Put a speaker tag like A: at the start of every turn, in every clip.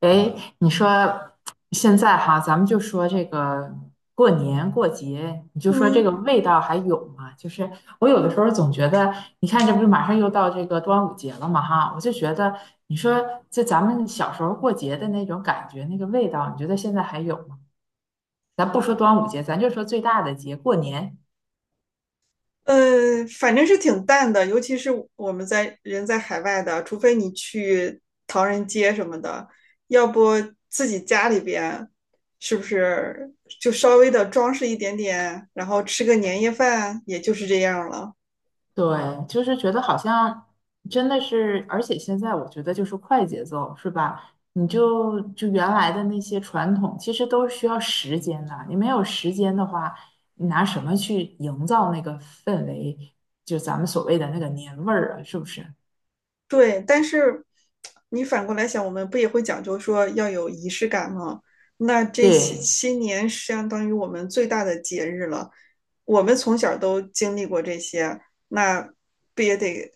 A: 哎，你说现在哈，咱们就说这个过年过节，你就说这个
B: 嗯，
A: 味道还有吗？就是我有的时候总觉得，你看这不是马上又到这个端午节了嘛哈，我就觉得，你说就咱们小时候过节的那种感觉，那个味道，你觉得现在还有吗？咱不说端午节，咱就说最大的节，过年。
B: 反正是挺淡的，尤其是我们在人在海外的，除非你去唐人街什么的，要不自己家里边是不是就稍微的装饰一点点，然后吃个年夜饭，也就是这样了。
A: 对，就是觉得好像真的是，而且现在我觉得就是快节奏，是吧？你就原来的那些传统，其实都是需要时间的。你没有时间的话，你拿什么去营造那个氛围？就咱们所谓的那个年味儿啊，是不是？
B: 对，但是你反过来想，我们不也会讲究说要有仪式感吗？那这些
A: 对，
B: 新年相当于我们最大的节日了，我们从小都经历过这些，那不也得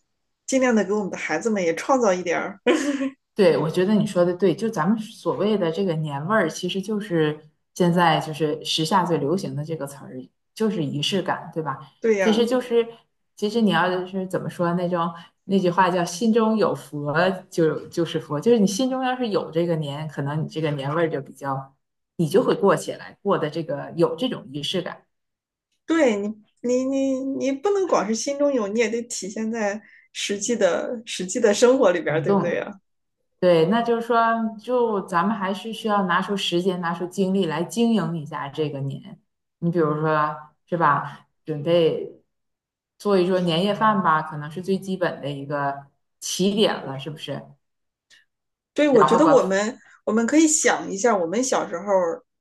B: 尽量的给我们的孩子们也创造一点儿？
A: 对，我觉得你说的对，就咱们所谓的这个年味儿，其实就是现在就是时下最流行的这个词儿，就是仪式感，对吧？
B: 对
A: 其实
B: 呀，
A: 就是，其实你要是怎么说那种那句话叫"心中有佛就是佛”，就是你心中要是有这个年，可能你这个年味儿就比较，你就会过起来，过的这个有这种仪式感，
B: 对你，你不能光是心中有，你也得体现在实际的生活里边儿，
A: 灵
B: 对不
A: 动
B: 对
A: 了。
B: 呀？
A: 对，那就是说，就咱们还是需要拿出时间、拿出精力来经营一下这个年。你比如说，是吧？准备做一桌年夜饭吧，可能是最基本的一个起点了，是不是？
B: 对，我
A: 然
B: 觉
A: 后
B: 得我
A: 把
B: 们我们可以想一下，我们小时候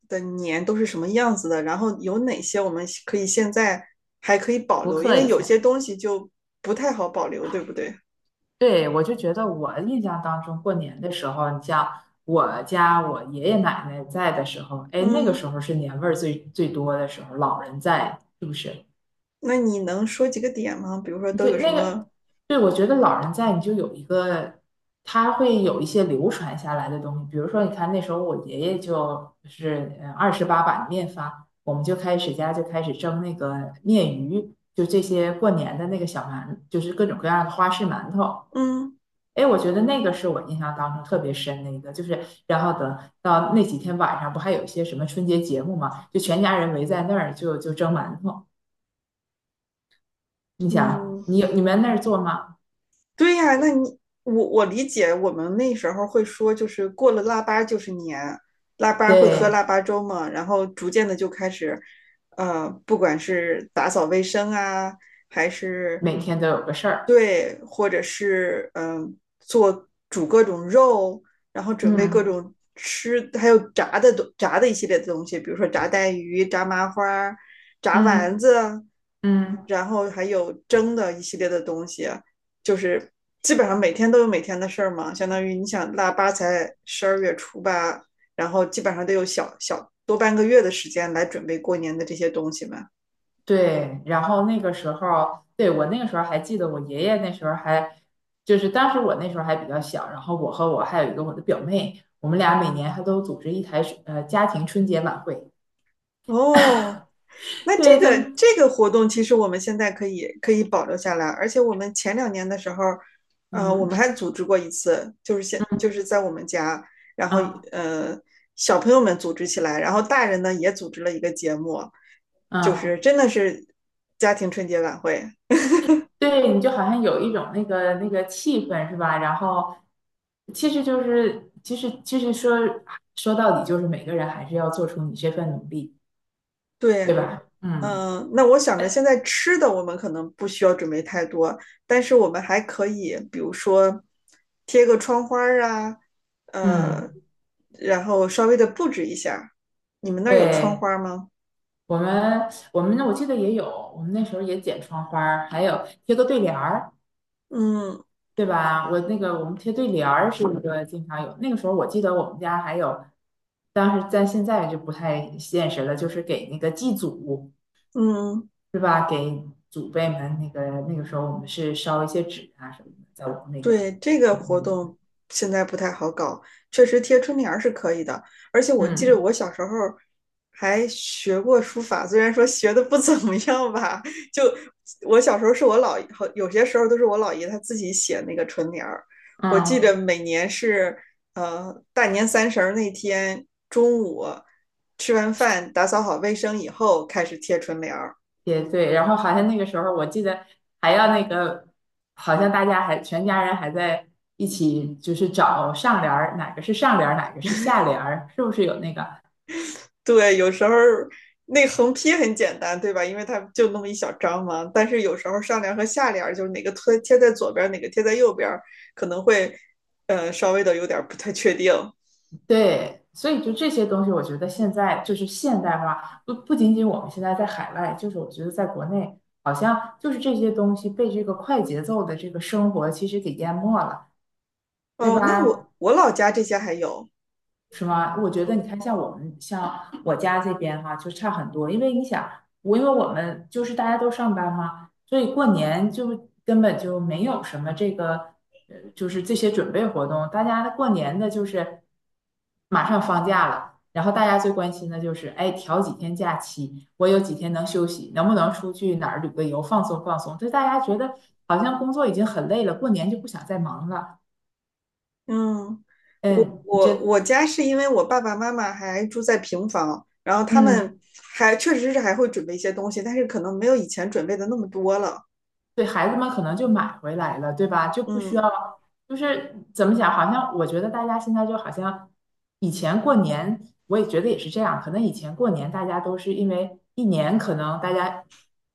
B: 的年都是什么样子的，然后有哪些我们可以现在还可以保
A: 复
B: 留，因
A: 刻
B: 为
A: 一
B: 有
A: 下。
B: 些东西就不太好保留，对不对？
A: 对，我就觉得我印象当中过年的时候，你像我家我爷爷奶奶在的时候，哎，那个
B: 嗯，
A: 时候是年味儿最最多的时候，老人在，是不是？
B: 那你能说几个点吗？比如说都
A: 对，
B: 有什
A: 那
B: 么？
A: 个，对，我觉得老人在，你就有一个，他会有一些流传下来的东西。比如说，你看那时候我爷爷就是28把面发，我们就开始家就开始蒸那个面鱼，就这些过年的那个小馒，就是各种各样的花式馒头。
B: 嗯
A: 哎，我觉得那个是我印象当中特别深的一个，就是然后等到那几天晚上，不还有一些什么春节节目嘛，就全家人围在那儿就蒸馒头。你想，
B: 嗯，
A: 你们那儿做吗？
B: 对呀，啊那你我理解，我们那时候会说，就是过了腊八就是年，腊八会喝腊
A: 对，
B: 八粥嘛，然后逐渐的就开始，不管是打扫卫生啊，还是
A: 每天都有个事儿。
B: 对，或者是嗯、煮各种肉，然后准备各
A: 嗯
B: 种吃，还有炸的一系列的东西，比如说炸带鱼、炸麻花炸
A: 嗯
B: 丸子，
A: 嗯，
B: 然后还有蒸的一系列的东西。就是基本上每天都有每天的事儿嘛，相当于你想腊八才十二月初八，然后基本上都有多半个月的时间来准备过年的这些东西嘛。
A: 对。然后那个时候，对，我那个时候还记得，我爷爷那时候还，就是当时我那时候还比较小，然后我和我还有一个我的表妹，我们俩每年还都组织一台家庭春节晚会。
B: 哦，那这
A: 对，就
B: 个活动其实我们现在可以保留下来，而且我们前两年的时候，我们
A: 嗯
B: 还组织过一次，就是就是在我们家，然后
A: 啊
B: 呃小朋友们组织起来，然后大人呢也组织了一个节目，就
A: 嗯，
B: 是真的是家庭春节晚会。
A: 对，你就好像有一种那个那个气氛是吧？然后其实说到底就是每个人还是要做出你这份努力，
B: 对，
A: 对吧？嗯。
B: 嗯，那我想着现在吃的我们可能不需要准备太多，但是我们还可以，比如说贴个窗花儿啊，
A: 嗯，
B: 呃，然后稍微的布置一下。你们那儿有窗
A: 对，
B: 花吗？
A: 我们那我记得也有，我们那时候也剪窗花儿还有贴个对联儿，
B: 嗯
A: 对吧？我那个我们贴对联儿是一个经常有，那个时候我记得我们家还有，但是在现在就不太现实了，就是给那个祭祖，
B: 嗯。
A: 是吧？给祖辈们那个那个时候我们是烧一些纸啊什么的，在我们那个
B: 对，这个
A: 我
B: 活
A: 们
B: 动现在不太好搞，确实贴春联儿是可以的。而且我记得
A: 嗯
B: 我小时候还学过书法，虽然说学的不怎么样吧，就我小时候是我姥爷，好有些时候都是我姥爷他自己写那个春联儿。我记得
A: 嗯。
B: 每年是大年三十儿那天中午吃完饭，打扫好卫生以后开始贴春联儿。
A: 也对，然后好像那个时候我记得还要那个，好像大家还全家人还在一起，就是找上联儿，哪个是上联儿，哪个是下联儿，是不是有那个？
B: 对，有时候那横批很简单，对吧？因为它就那么一小张嘛。但是有时候上联和下联就是哪个贴在左边哪个贴在右边可能会稍微的有点不太确定。
A: 对，所以就这些东西，我觉得现在就是现代化，不仅仅我们现在在海外，就是我觉得在国内，好像就是这些东西被这个快节奏的这个生活其实给淹没了，对
B: 哦，那
A: 吧？
B: 我老家这些还有，
A: 是吗？我觉得
B: 嗯
A: 你看，像我们像我家这边哈，就差很多。因为你想，我因为我们就是大家都上班嘛，所以过年就根本就没有什么这个，就是这些准备活动。大家的过年的就是马上放假了，然后大家最关心的就是，哎，调几天假期，我有几天能休息，能不能出去哪儿旅个游放松放松？就大家觉得好像工作已经很累了，过年就不想再忙了。
B: 嗯，我
A: 嗯，你
B: 我
A: 这
B: 我家是因为我爸爸妈妈还住在平房，然后他
A: 嗯。
B: 们还确实是还会准备一些东西，但是可能没有以前准备的那么多了。
A: 对孩子们可能就买回来了，对吧？就不需
B: 嗯
A: 要，就是怎么讲？好像我觉得大家现在就好像以前过年，我也觉得也是这样。可能以前过年大家都是因为一年可能大家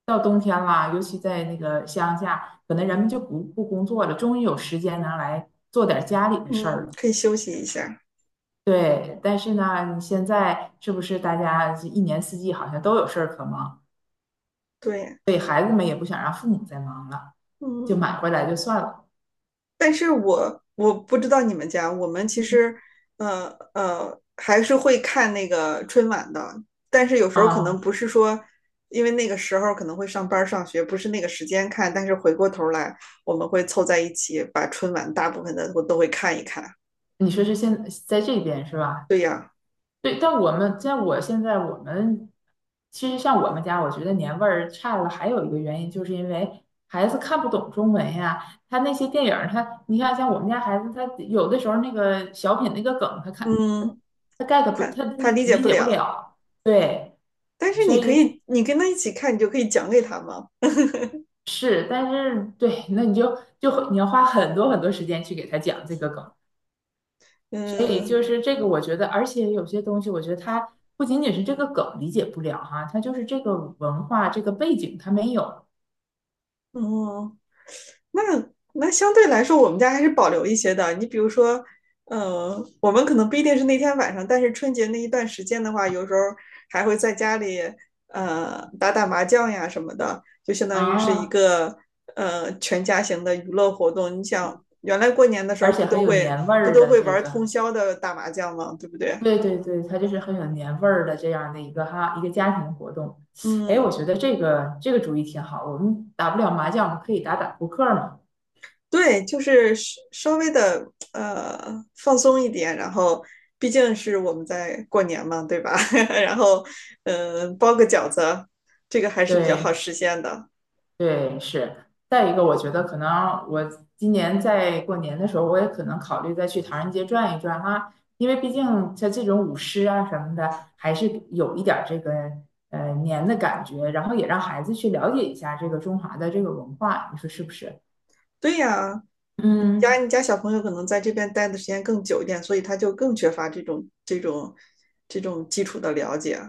A: 到冬天啦，尤其在那个乡下，可能人们就不工作了，终于有时间拿来做点家里的事儿
B: 嗯，
A: 了。
B: 可以休息一下。
A: 对，但是呢，你现在是不是大家一年四季好像都有事儿可忙，
B: 对，
A: 所以孩子们也不想让父母再忙了，就
B: 嗯。
A: 买回来就算了。
B: 但是我不知道你们家，我们其实呃还是会看那个春晚的，但是有时候可
A: 啊，
B: 能不是说，因为那个时候可能会上班上学，不是那个时间看，但是回过头来我们会凑在一起，把春晚大部分的我都会看一看。
A: 你说是现在这边是吧？
B: 对呀，
A: 对，但我们其实像我们家，我觉得年味儿差了，还有一个原因就是因为孩子看不懂中文呀。他那些电影儿他你看像我们家孩子，他有的时候那个小品那个梗，他看
B: 嗯，
A: 他 get 不，
B: 他
A: 他就
B: 他理解
A: 理
B: 不
A: 解不
B: 了，
A: 了。对，
B: 但是
A: 所
B: 你可
A: 以
B: 以，你跟他一起看，你就可以讲给他嘛。
A: 是，但是对，那你就你要花很多很多时间去给他讲这个梗。所以
B: 嗯
A: 就是这个，我觉得，而且有些东西，我觉得它不仅仅是这个梗理解不了哈，它就是这个文化这个背景它没有
B: 嗯，那那相对来说，我们家还是保留一些的。你比如说，我们可能不一定是那天晚上，但是春节那一段时间的话，有时候还会在家里打打麻将呀什么的，就相当于是一
A: 啊，
B: 个全家型的娱乐活动。你想，原来过年的时
A: 而
B: 候
A: 且很有年味
B: 不
A: 儿
B: 都
A: 的
B: 会
A: 这
B: 玩
A: 个，
B: 通宵的打麻将吗？对不对？
A: 对对对，它就是很有年味儿的这样的一个哈一个家庭活动。哎，
B: 嗯，
A: 我觉得这个主意挺好，我们打不了麻将，我们可以打打扑克嘛。
B: 对，就是稍微的放松一点，然后毕竟是我们在过年嘛，对吧？然后嗯、包个饺子，这个还是比较好
A: 对，
B: 实现的。
A: 对，是。再一个，我觉得可能我今年在过年的时候，我也可能考虑再去唐人街转一转哈，因为毕竟像这种舞狮啊什么的，还是有一点儿这个年的感觉，然后也让孩子去了解一下这个中华的这个文化，你说是不是？
B: 对呀，
A: 嗯，
B: 你家小朋友可能在这边待的时间更久一点，所以他就更缺乏这种这种基础的了解。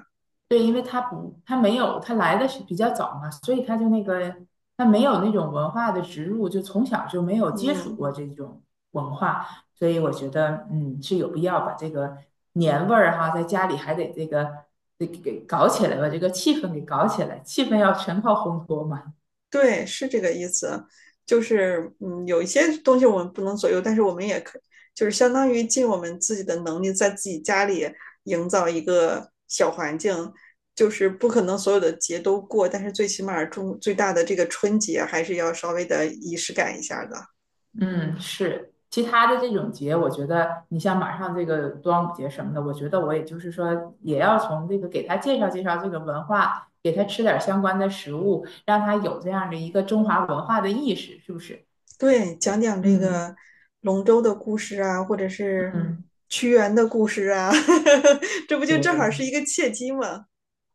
A: 对，因为他不，他没有，他来的是比较早嘛，所以他就那个，他没有那种文化的植入，就从小就没有接触
B: 嗯。
A: 过这种文化，所以我觉得，嗯，是有必要把这个年味儿哈，在家里还得这个，得给搞起来，把这个气氛给搞起来，气氛要全靠烘托嘛。
B: 对，是这个意思，就是嗯，有一些东西我们不能左右，但是我们也可，就是相当于尽我们自己的能力，在自己家里营造一个小环境，就是不可能所有的节都过，但是最起码中最大的这个春节还是要稍微的仪式感一下的。
A: 嗯，是。其他的这种节，我觉得你像马上这个端午节什么的，我觉得我也就是说，也要从这个给他介绍介绍这个文化，给他吃点儿相关的食物，让他有这样的一个中华文化的意识，是不是？
B: 对，讲讲这个
A: 嗯
B: 龙舟的故事啊，或者是
A: 嗯，
B: 屈原的故事啊，这不就正好是一个契机吗？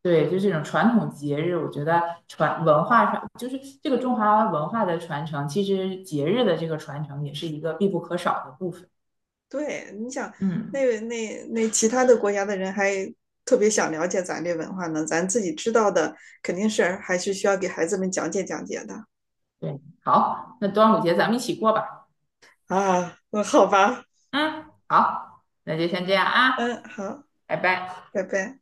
A: 对，就这种传统节日，我觉得传文化上，就是这个中华文化的传承，其实节日的这个传承也是一个必不可少的部分。
B: 对，你想，
A: 嗯，
B: 那其他的国家的人还特别想了解咱这文化呢，咱自己知道的肯定是还是需要给孩子们讲解讲解的
A: 对，好，那端午节咱们一起过吧。
B: 啊。那好吧，
A: 嗯，好，那就先这样啊，
B: 嗯，好，
A: 拜拜。
B: 拜拜。